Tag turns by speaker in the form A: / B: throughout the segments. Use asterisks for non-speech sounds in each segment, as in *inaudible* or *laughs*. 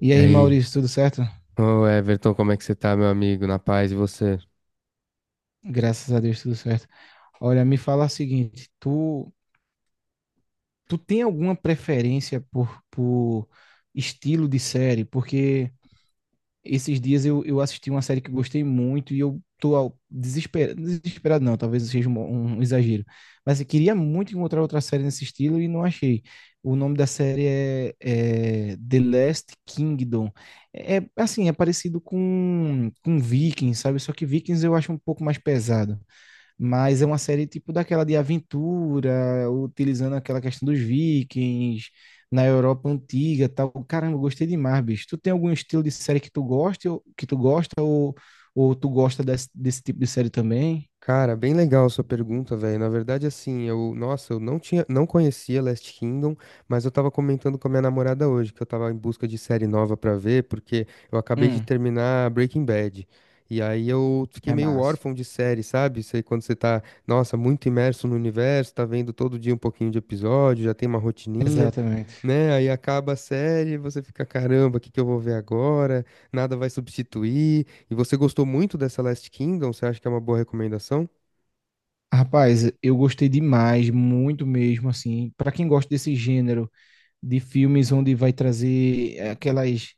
A: E
B: E
A: aí,
B: aí,
A: Maurício, tudo certo?
B: ô Everton, como é que você tá, meu amigo? Na paz e você?
A: Graças a Deus, tudo certo. Olha, me fala o seguinte, tu tem alguma preferência por estilo de série? Porque esses dias eu assisti uma série que eu gostei muito e eu tô desesperado, desesperado não, talvez seja um exagero, mas eu queria muito encontrar outra série nesse estilo e não achei. O nome da série é The Last Kingdom. Assim, é parecido com Vikings, sabe? Só que Vikings eu acho um pouco mais pesado. Mas é uma série tipo daquela de aventura, utilizando aquela questão dos vikings, na Europa antiga, tal. Caramba, eu gostei demais, bicho. Tu tem algum estilo de série que tu gosta, que tu gosta ou tu gosta desse tipo de série também?
B: Cara, bem legal a sua pergunta, velho. Na verdade, assim, eu, nossa, eu não tinha, não conhecia Last Kingdom, mas eu tava comentando com a minha namorada hoje que eu tava em busca de série nova pra ver, porque eu acabei de
A: Hum.
B: terminar Breaking Bad. E aí eu fiquei
A: É
B: meio
A: massa.
B: órfão de série, sabe? Sei quando você tá, nossa, muito imerso no universo, tá vendo todo dia um pouquinho de episódio, já tem uma rotininha,
A: Exatamente.
B: né? Aí acaba a série, você fica, caramba, o que que eu vou ver agora? Nada vai substituir. E você gostou muito dessa Last Kingdom? Você acha que é uma boa recomendação?
A: Rapaz, eu gostei demais, muito mesmo, assim. Pra quem gosta desse gênero de filmes onde vai trazer aquelas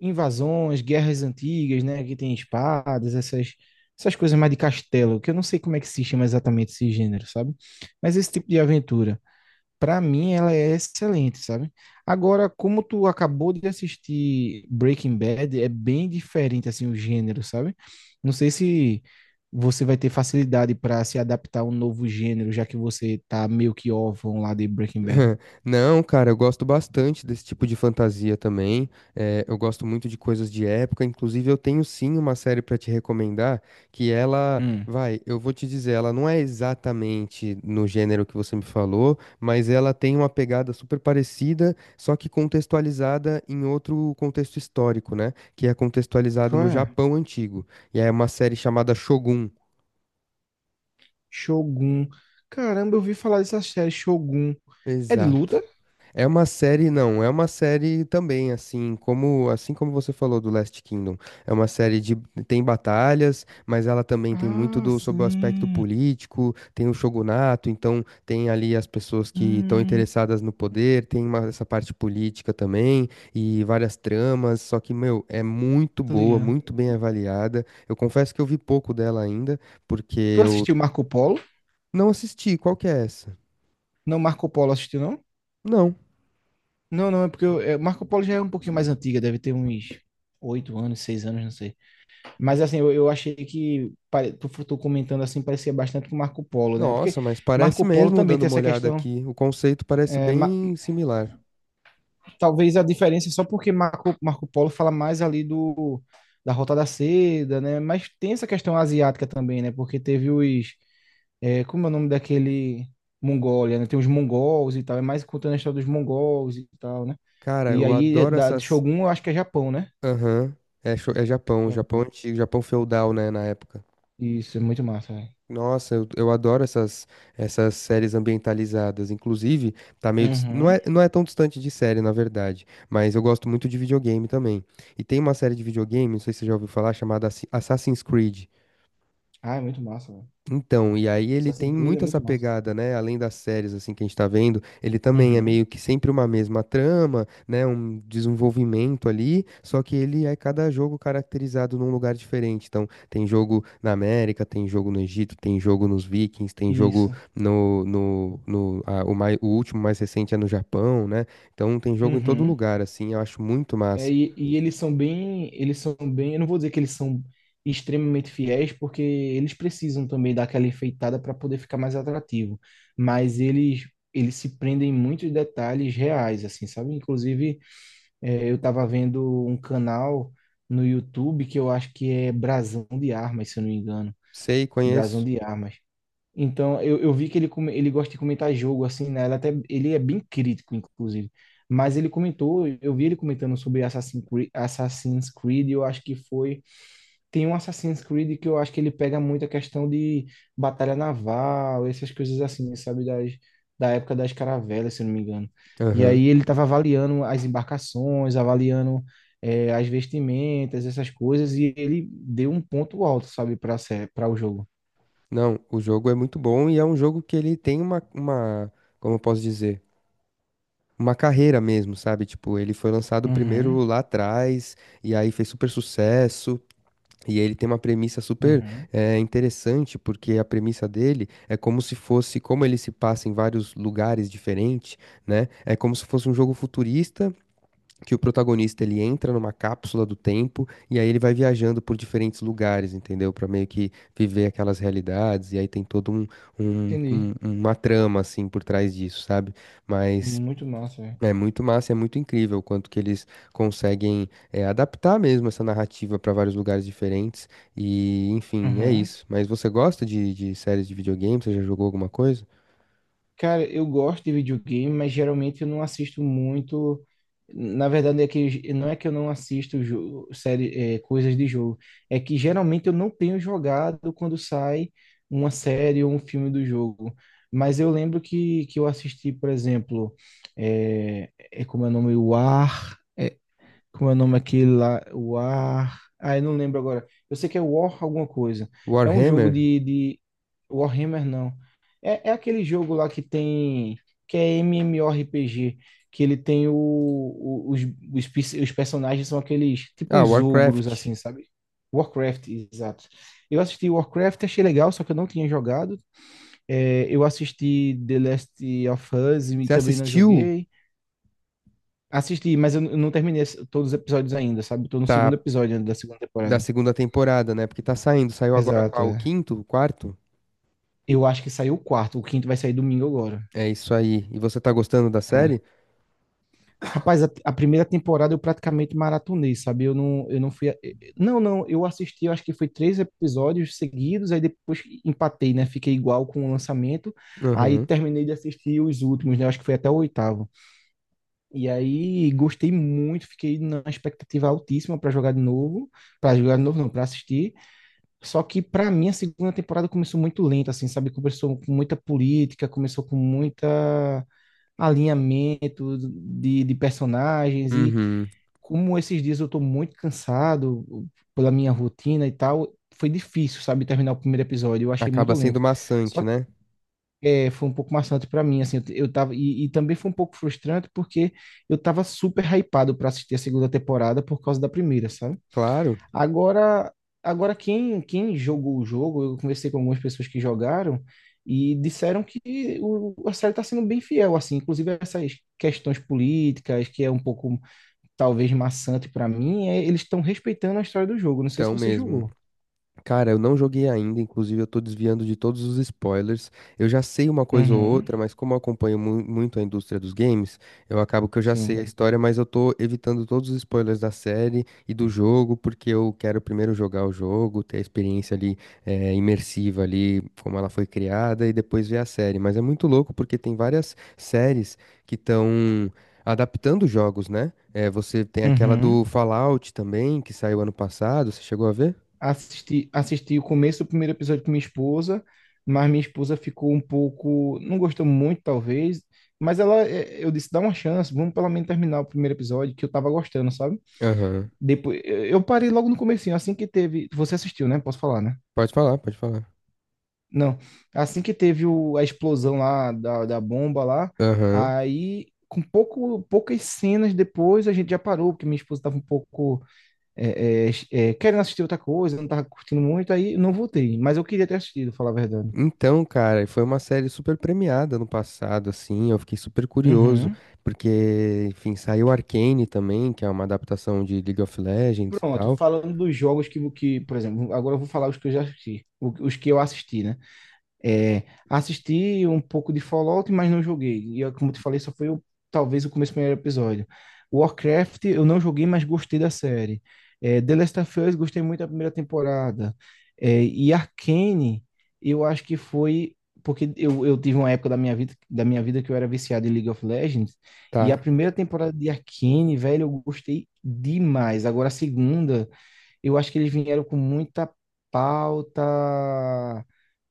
A: invasões, guerras antigas, né? Que tem espadas, essas coisas mais de castelo, que eu não sei como é que se chama exatamente esse gênero, sabe? Mas esse tipo de aventura, pra mim, ela é excelente, sabe? Agora, como tu acabou de assistir Breaking Bad, é bem diferente, assim, o gênero, sabe? Não sei se você vai ter facilidade para se adaptar a um novo gênero, já que você tá meio que órfão lá de Breaking Bad.
B: *laughs* Não, cara, eu gosto bastante desse tipo de fantasia também. Eu gosto muito de coisas de época. Inclusive, eu tenho sim uma série pra te recomendar que ela,
A: Hum.
B: vai, eu vou te dizer, ela não é exatamente no gênero que você me falou, mas ela tem uma pegada super parecida, só que contextualizada em outro contexto histórico, né? Que é contextualizado
A: Qual
B: no
A: é?
B: Japão antigo. E é uma série chamada Shogun.
A: Shogun. Caramba, eu ouvi falar dessa série Shogun. É de luta.
B: Exato. É uma série, não, é uma série também, assim como você falou do Last Kingdom. É uma série de tem batalhas, mas ela também tem muito
A: Ah,
B: do sobre o aspecto
A: sim.
B: político, tem o shogunato, então tem ali as pessoas que estão
A: Hum,
B: interessadas no poder, tem uma- essa parte política também e várias tramas, só que, meu, é muito
A: Tô
B: boa,
A: ligado.
B: muito bem avaliada. Eu confesso que eu vi pouco dela ainda, porque
A: Tu
B: eu
A: assistiu Marco Polo?
B: não assisti. Qual que é essa?
A: Não, Marco Polo assistiu, não?
B: Não.
A: Não, não, é porque eu, Marco Polo já é um pouquinho mais antiga, deve ter uns oito anos, seis anos, não sei. Mas assim, eu achei que, tu comentando assim, parecia bastante com Marco Polo, né? Porque
B: Nossa, mas parece
A: Marco Polo
B: mesmo,
A: também
B: dando
A: tem
B: uma
A: essa
B: olhada
A: questão.
B: aqui. O conceito parece bem similar.
A: Talvez a diferença é só porque Marco Polo fala mais ali do, da Rota da Seda, né? Mas tem essa questão asiática também, né? Porque teve os. Como é o nome daquele. Mongólia, né? Tem os mongols e tal, é mais contando a história dos mongols e tal, né?
B: Cara,
A: E
B: eu
A: aí,
B: adoro
A: da, de
B: essas.
A: Shogun, eu acho que é Japão, né?
B: Aham. É, cho- é Japão, Japão
A: Japão.
B: antigo, Japão feudal, né, na época.
A: Isso, é muito massa, velho.
B: Nossa, eu adoro essas, essas séries ambientalizadas. Inclusive, tá meio. Dis- Não
A: Uhum.
B: é, não é tão distante de série, na verdade. Mas eu gosto muito de videogame também. E tem uma série de videogame, não sei se você já ouviu falar, chamada Assi- Assassin's Creed.
A: Ah, é muito massa, velho.
B: Então, e aí ele tem
A: Assassin's Creed é
B: muito essa
A: muito massa.
B: pegada, né? Além das séries assim que a gente tá vendo, ele também é
A: Uhum.
B: meio que sempre uma mesma trama, né? Um desenvolvimento ali, só que ele é cada jogo caracterizado num lugar diferente. Então, tem jogo na América, tem jogo no Egito, tem jogo nos Vikings, tem jogo
A: Isso.
B: no ah, o, mai, o último mais recente é no Japão, né? Então, tem jogo em todo
A: Uhum.
B: lugar, assim. Eu acho muito
A: É,
B: massa.
A: e, e eles são bem, eu não vou dizer que eles são extremamente fiéis, porque eles precisam também dar aquela enfeitada para poder ficar mais atrativo, mas eles se prendem em muitos detalhes reais, assim, sabe? Inclusive, eu estava vendo um canal no YouTube que eu acho que é Brasão de Armas, se eu não me engano,
B: Sei,
A: Brasão
B: conheço.
A: de Armas. Então, eu vi que ele gosta de comentar jogo, assim, né? Ele, até, ele é bem crítico, inclusive. Mas ele comentou, eu vi ele comentando sobre Assassin's Creed, Assassin's Creed, eu acho que foi. Tem um Assassin's Creed que eu acho que ele pega muito a questão de batalha naval, essas coisas assim, sabe? Das, da época das caravelas, se eu não me engano. E
B: Aham.
A: aí ele estava avaliando as embarcações, avaliando as vestimentas, essas coisas, e ele deu um ponto alto, sabe, para o jogo.
B: Não, o jogo é muito bom e é um jogo que ele tem como eu posso dizer, uma carreira mesmo, sabe? Tipo, ele foi lançado primeiro
A: Uhum,
B: lá atrás e aí fez super sucesso. E ele tem uma premissa super
A: uhum.
B: interessante, porque a premissa dele é como se fosse, como ele se passa em vários lugares diferentes, né? É como se fosse um jogo futurista que o protagonista ele entra numa cápsula do tempo e aí ele vai viajando por diferentes lugares, entendeu? Pra meio que viver aquelas realidades e aí tem todo um,
A: Entendi.
B: uma trama assim por trás disso, sabe? Mas
A: Muito massa, velho.
B: é muito massa, é muito incrível o quanto que eles conseguem adaptar mesmo essa narrativa pra vários lugares diferentes e enfim, é
A: Aham.
B: isso. Mas você gosta de séries de videogame? Você já jogou alguma coisa?
A: Cara, eu gosto de videogame, mas geralmente eu não assisto muito. Na verdade, é que não é que eu não assisto série, coisas de jogo. É que geralmente eu não tenho jogado quando sai uma série ou um filme do jogo. Mas eu lembro que eu assisti, por exemplo, é como é o nome? War. Como é o nome aquele lá? O War. Ah, eu não lembro agora. Eu sei que é War alguma coisa. É um jogo
B: Warhammer?
A: de... Warhammer, não. É aquele jogo lá que tem. Que é MMORPG. Que ele tem os personagens são aqueles. Tipo
B: Ah,
A: uns ogros,
B: Warcraft.
A: assim, sabe? Warcraft, exato. Eu assisti Warcraft, achei legal, só que eu não tinha jogado. É, eu assisti The Last of Us e
B: Você
A: também não
B: assistiu?
A: joguei. Assisti, mas eu não terminei todos os episódios ainda, sabe? Tô no segundo
B: Tá.
A: episódio ainda da segunda
B: Da
A: temporada.
B: segunda temporada, né? Porque tá saindo. Saiu agora
A: Exato,
B: qual? O
A: é.
B: quinto? O quarto?
A: Eu acho que saiu o quarto, o quinto vai sair domingo agora.
B: É isso aí. E você tá gostando da
A: É.
B: série?
A: Rapaz, a primeira temporada eu praticamente maratonei, sabe? Eu não fui. Não, não, eu assisti, eu acho que foi três episódios seguidos, aí depois empatei, né? Fiquei igual com o lançamento. Aí
B: Uhum.
A: terminei de assistir os últimos, né? Eu acho que foi até o oitavo. E aí gostei muito, fiquei na expectativa altíssima pra jogar de novo. Pra jogar de novo, não, pra assistir. Só que para mim a segunda temporada começou muito lenta, assim, sabe? Começou com muita política, começou com muita alinhamento de personagens e
B: Uhum.
A: como esses dias eu tô muito cansado pela minha rotina e tal, foi difícil, sabe, terminar o primeiro episódio. Eu achei muito
B: Acaba sendo
A: lento. Só
B: maçante,
A: que
B: né?
A: foi um pouco maçante para mim, assim, eu tava e também foi um pouco frustrante porque eu tava super hypado para assistir a segunda temporada por causa da primeira, sabe?
B: Claro,
A: Agora, agora quem jogou o jogo, eu conversei com algumas pessoas que jogaram e disseram que o, a série está sendo bem fiel, assim, inclusive essas questões políticas, que é um pouco talvez maçante para mim, eles estão respeitando a história do jogo. Não sei se
B: então
A: você
B: mesmo.
A: jogou.
B: Cara, eu não joguei ainda, inclusive eu tô desviando de todos os spoilers. Eu já sei uma coisa ou
A: Uhum,
B: outra, mas como eu acompanho mu- muito a indústria dos games, eu acabo que eu já sei
A: sim.
B: a história, mas eu tô evitando todos os spoilers da série e do jogo, porque eu quero primeiro jogar o jogo, ter a experiência ali imersiva ali, como ela foi criada, e depois ver a série. Mas é muito louco porque tem várias séries que estão adaptando jogos, né? Eh, você tem aquela
A: Uhum.
B: do Fallout também, que saiu ano passado, você chegou a ver?
A: Assisti o começo do primeiro episódio com minha esposa, mas minha esposa ficou um pouco, não gostou muito, talvez, mas eu disse, dá uma chance, vamos pelo menos terminar o primeiro episódio, que eu tava gostando, sabe?
B: Aham.
A: Depois, eu parei logo no comecinho, assim que teve, você assistiu, né? Posso falar, né?
B: Pode falar, pode falar.
A: Não, assim que teve o, a explosão lá, da bomba lá,
B: Aham.
A: aí, com pouco, poucas cenas depois, a gente já parou, porque minha esposa tava um pouco é, é, querendo assistir outra coisa, não tava curtindo muito, aí não voltei. Mas eu queria ter assistido, falar a verdade.
B: Então, cara, foi uma série super premiada no passado, assim, eu fiquei super curioso,
A: Uhum.
B: porque, enfim, saiu Arcane também, que é uma adaptação de League of Legends e
A: Pronto,
B: tal.
A: falando dos jogos por exemplo, agora eu vou falar os que eu já assisti, os que eu assisti, né? É, assisti um pouco de Fallout, mas não joguei. E eu, como te falei, só foi o, talvez o começo do primeiro episódio. Warcraft eu não joguei, mas gostei da série. É, The Last of Us gostei muito da primeira temporada. É, e Arcane eu acho que foi porque eu tive uma época da minha vida que eu era viciado em League of Legends e a
B: Tá.
A: primeira temporada de Arcane, velho, eu gostei demais. Agora a segunda, eu acho que eles vieram com muita pauta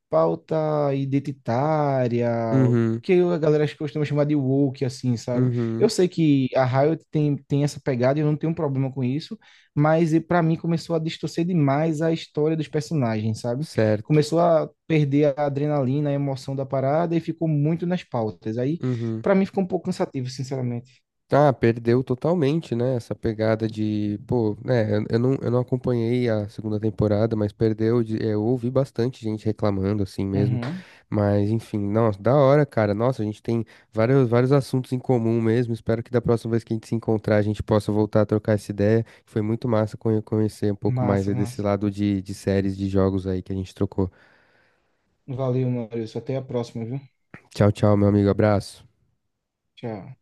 A: pauta identitária,
B: Uhum,
A: que a galera costuma chamar de woke, assim, sabe? Eu
B: uhum,
A: sei que a Riot tem essa pegada e eu não tenho um problema com isso, mas e pra mim começou a distorcer demais a história dos personagens, sabe?
B: certo.
A: Começou a perder a adrenalina, a emoção da parada e ficou muito nas pautas. Aí,
B: Uhum.
A: pra mim, ficou um pouco cansativo, sinceramente.
B: Ah, perdeu totalmente, né? Essa pegada de, pô, né? Eu não acompanhei a segunda temporada, mas perdeu. De- é, eu ouvi bastante gente reclamando, assim mesmo.
A: Uhum.
B: Mas, enfim, nossa, da hora, cara. Nossa, a gente tem vários, vários assuntos em comum mesmo. Espero que da próxima vez que a gente se encontrar, a gente possa voltar a trocar essa ideia. Foi muito massa conhe- conhecer um pouco mais
A: Massa,
B: aí desse
A: massa.
B: lado de séries, de jogos aí que a gente trocou.
A: Valeu, Maurício. Até a próxima, viu?
B: Tchau, tchau, meu amigo. Abraço.
A: Tchau.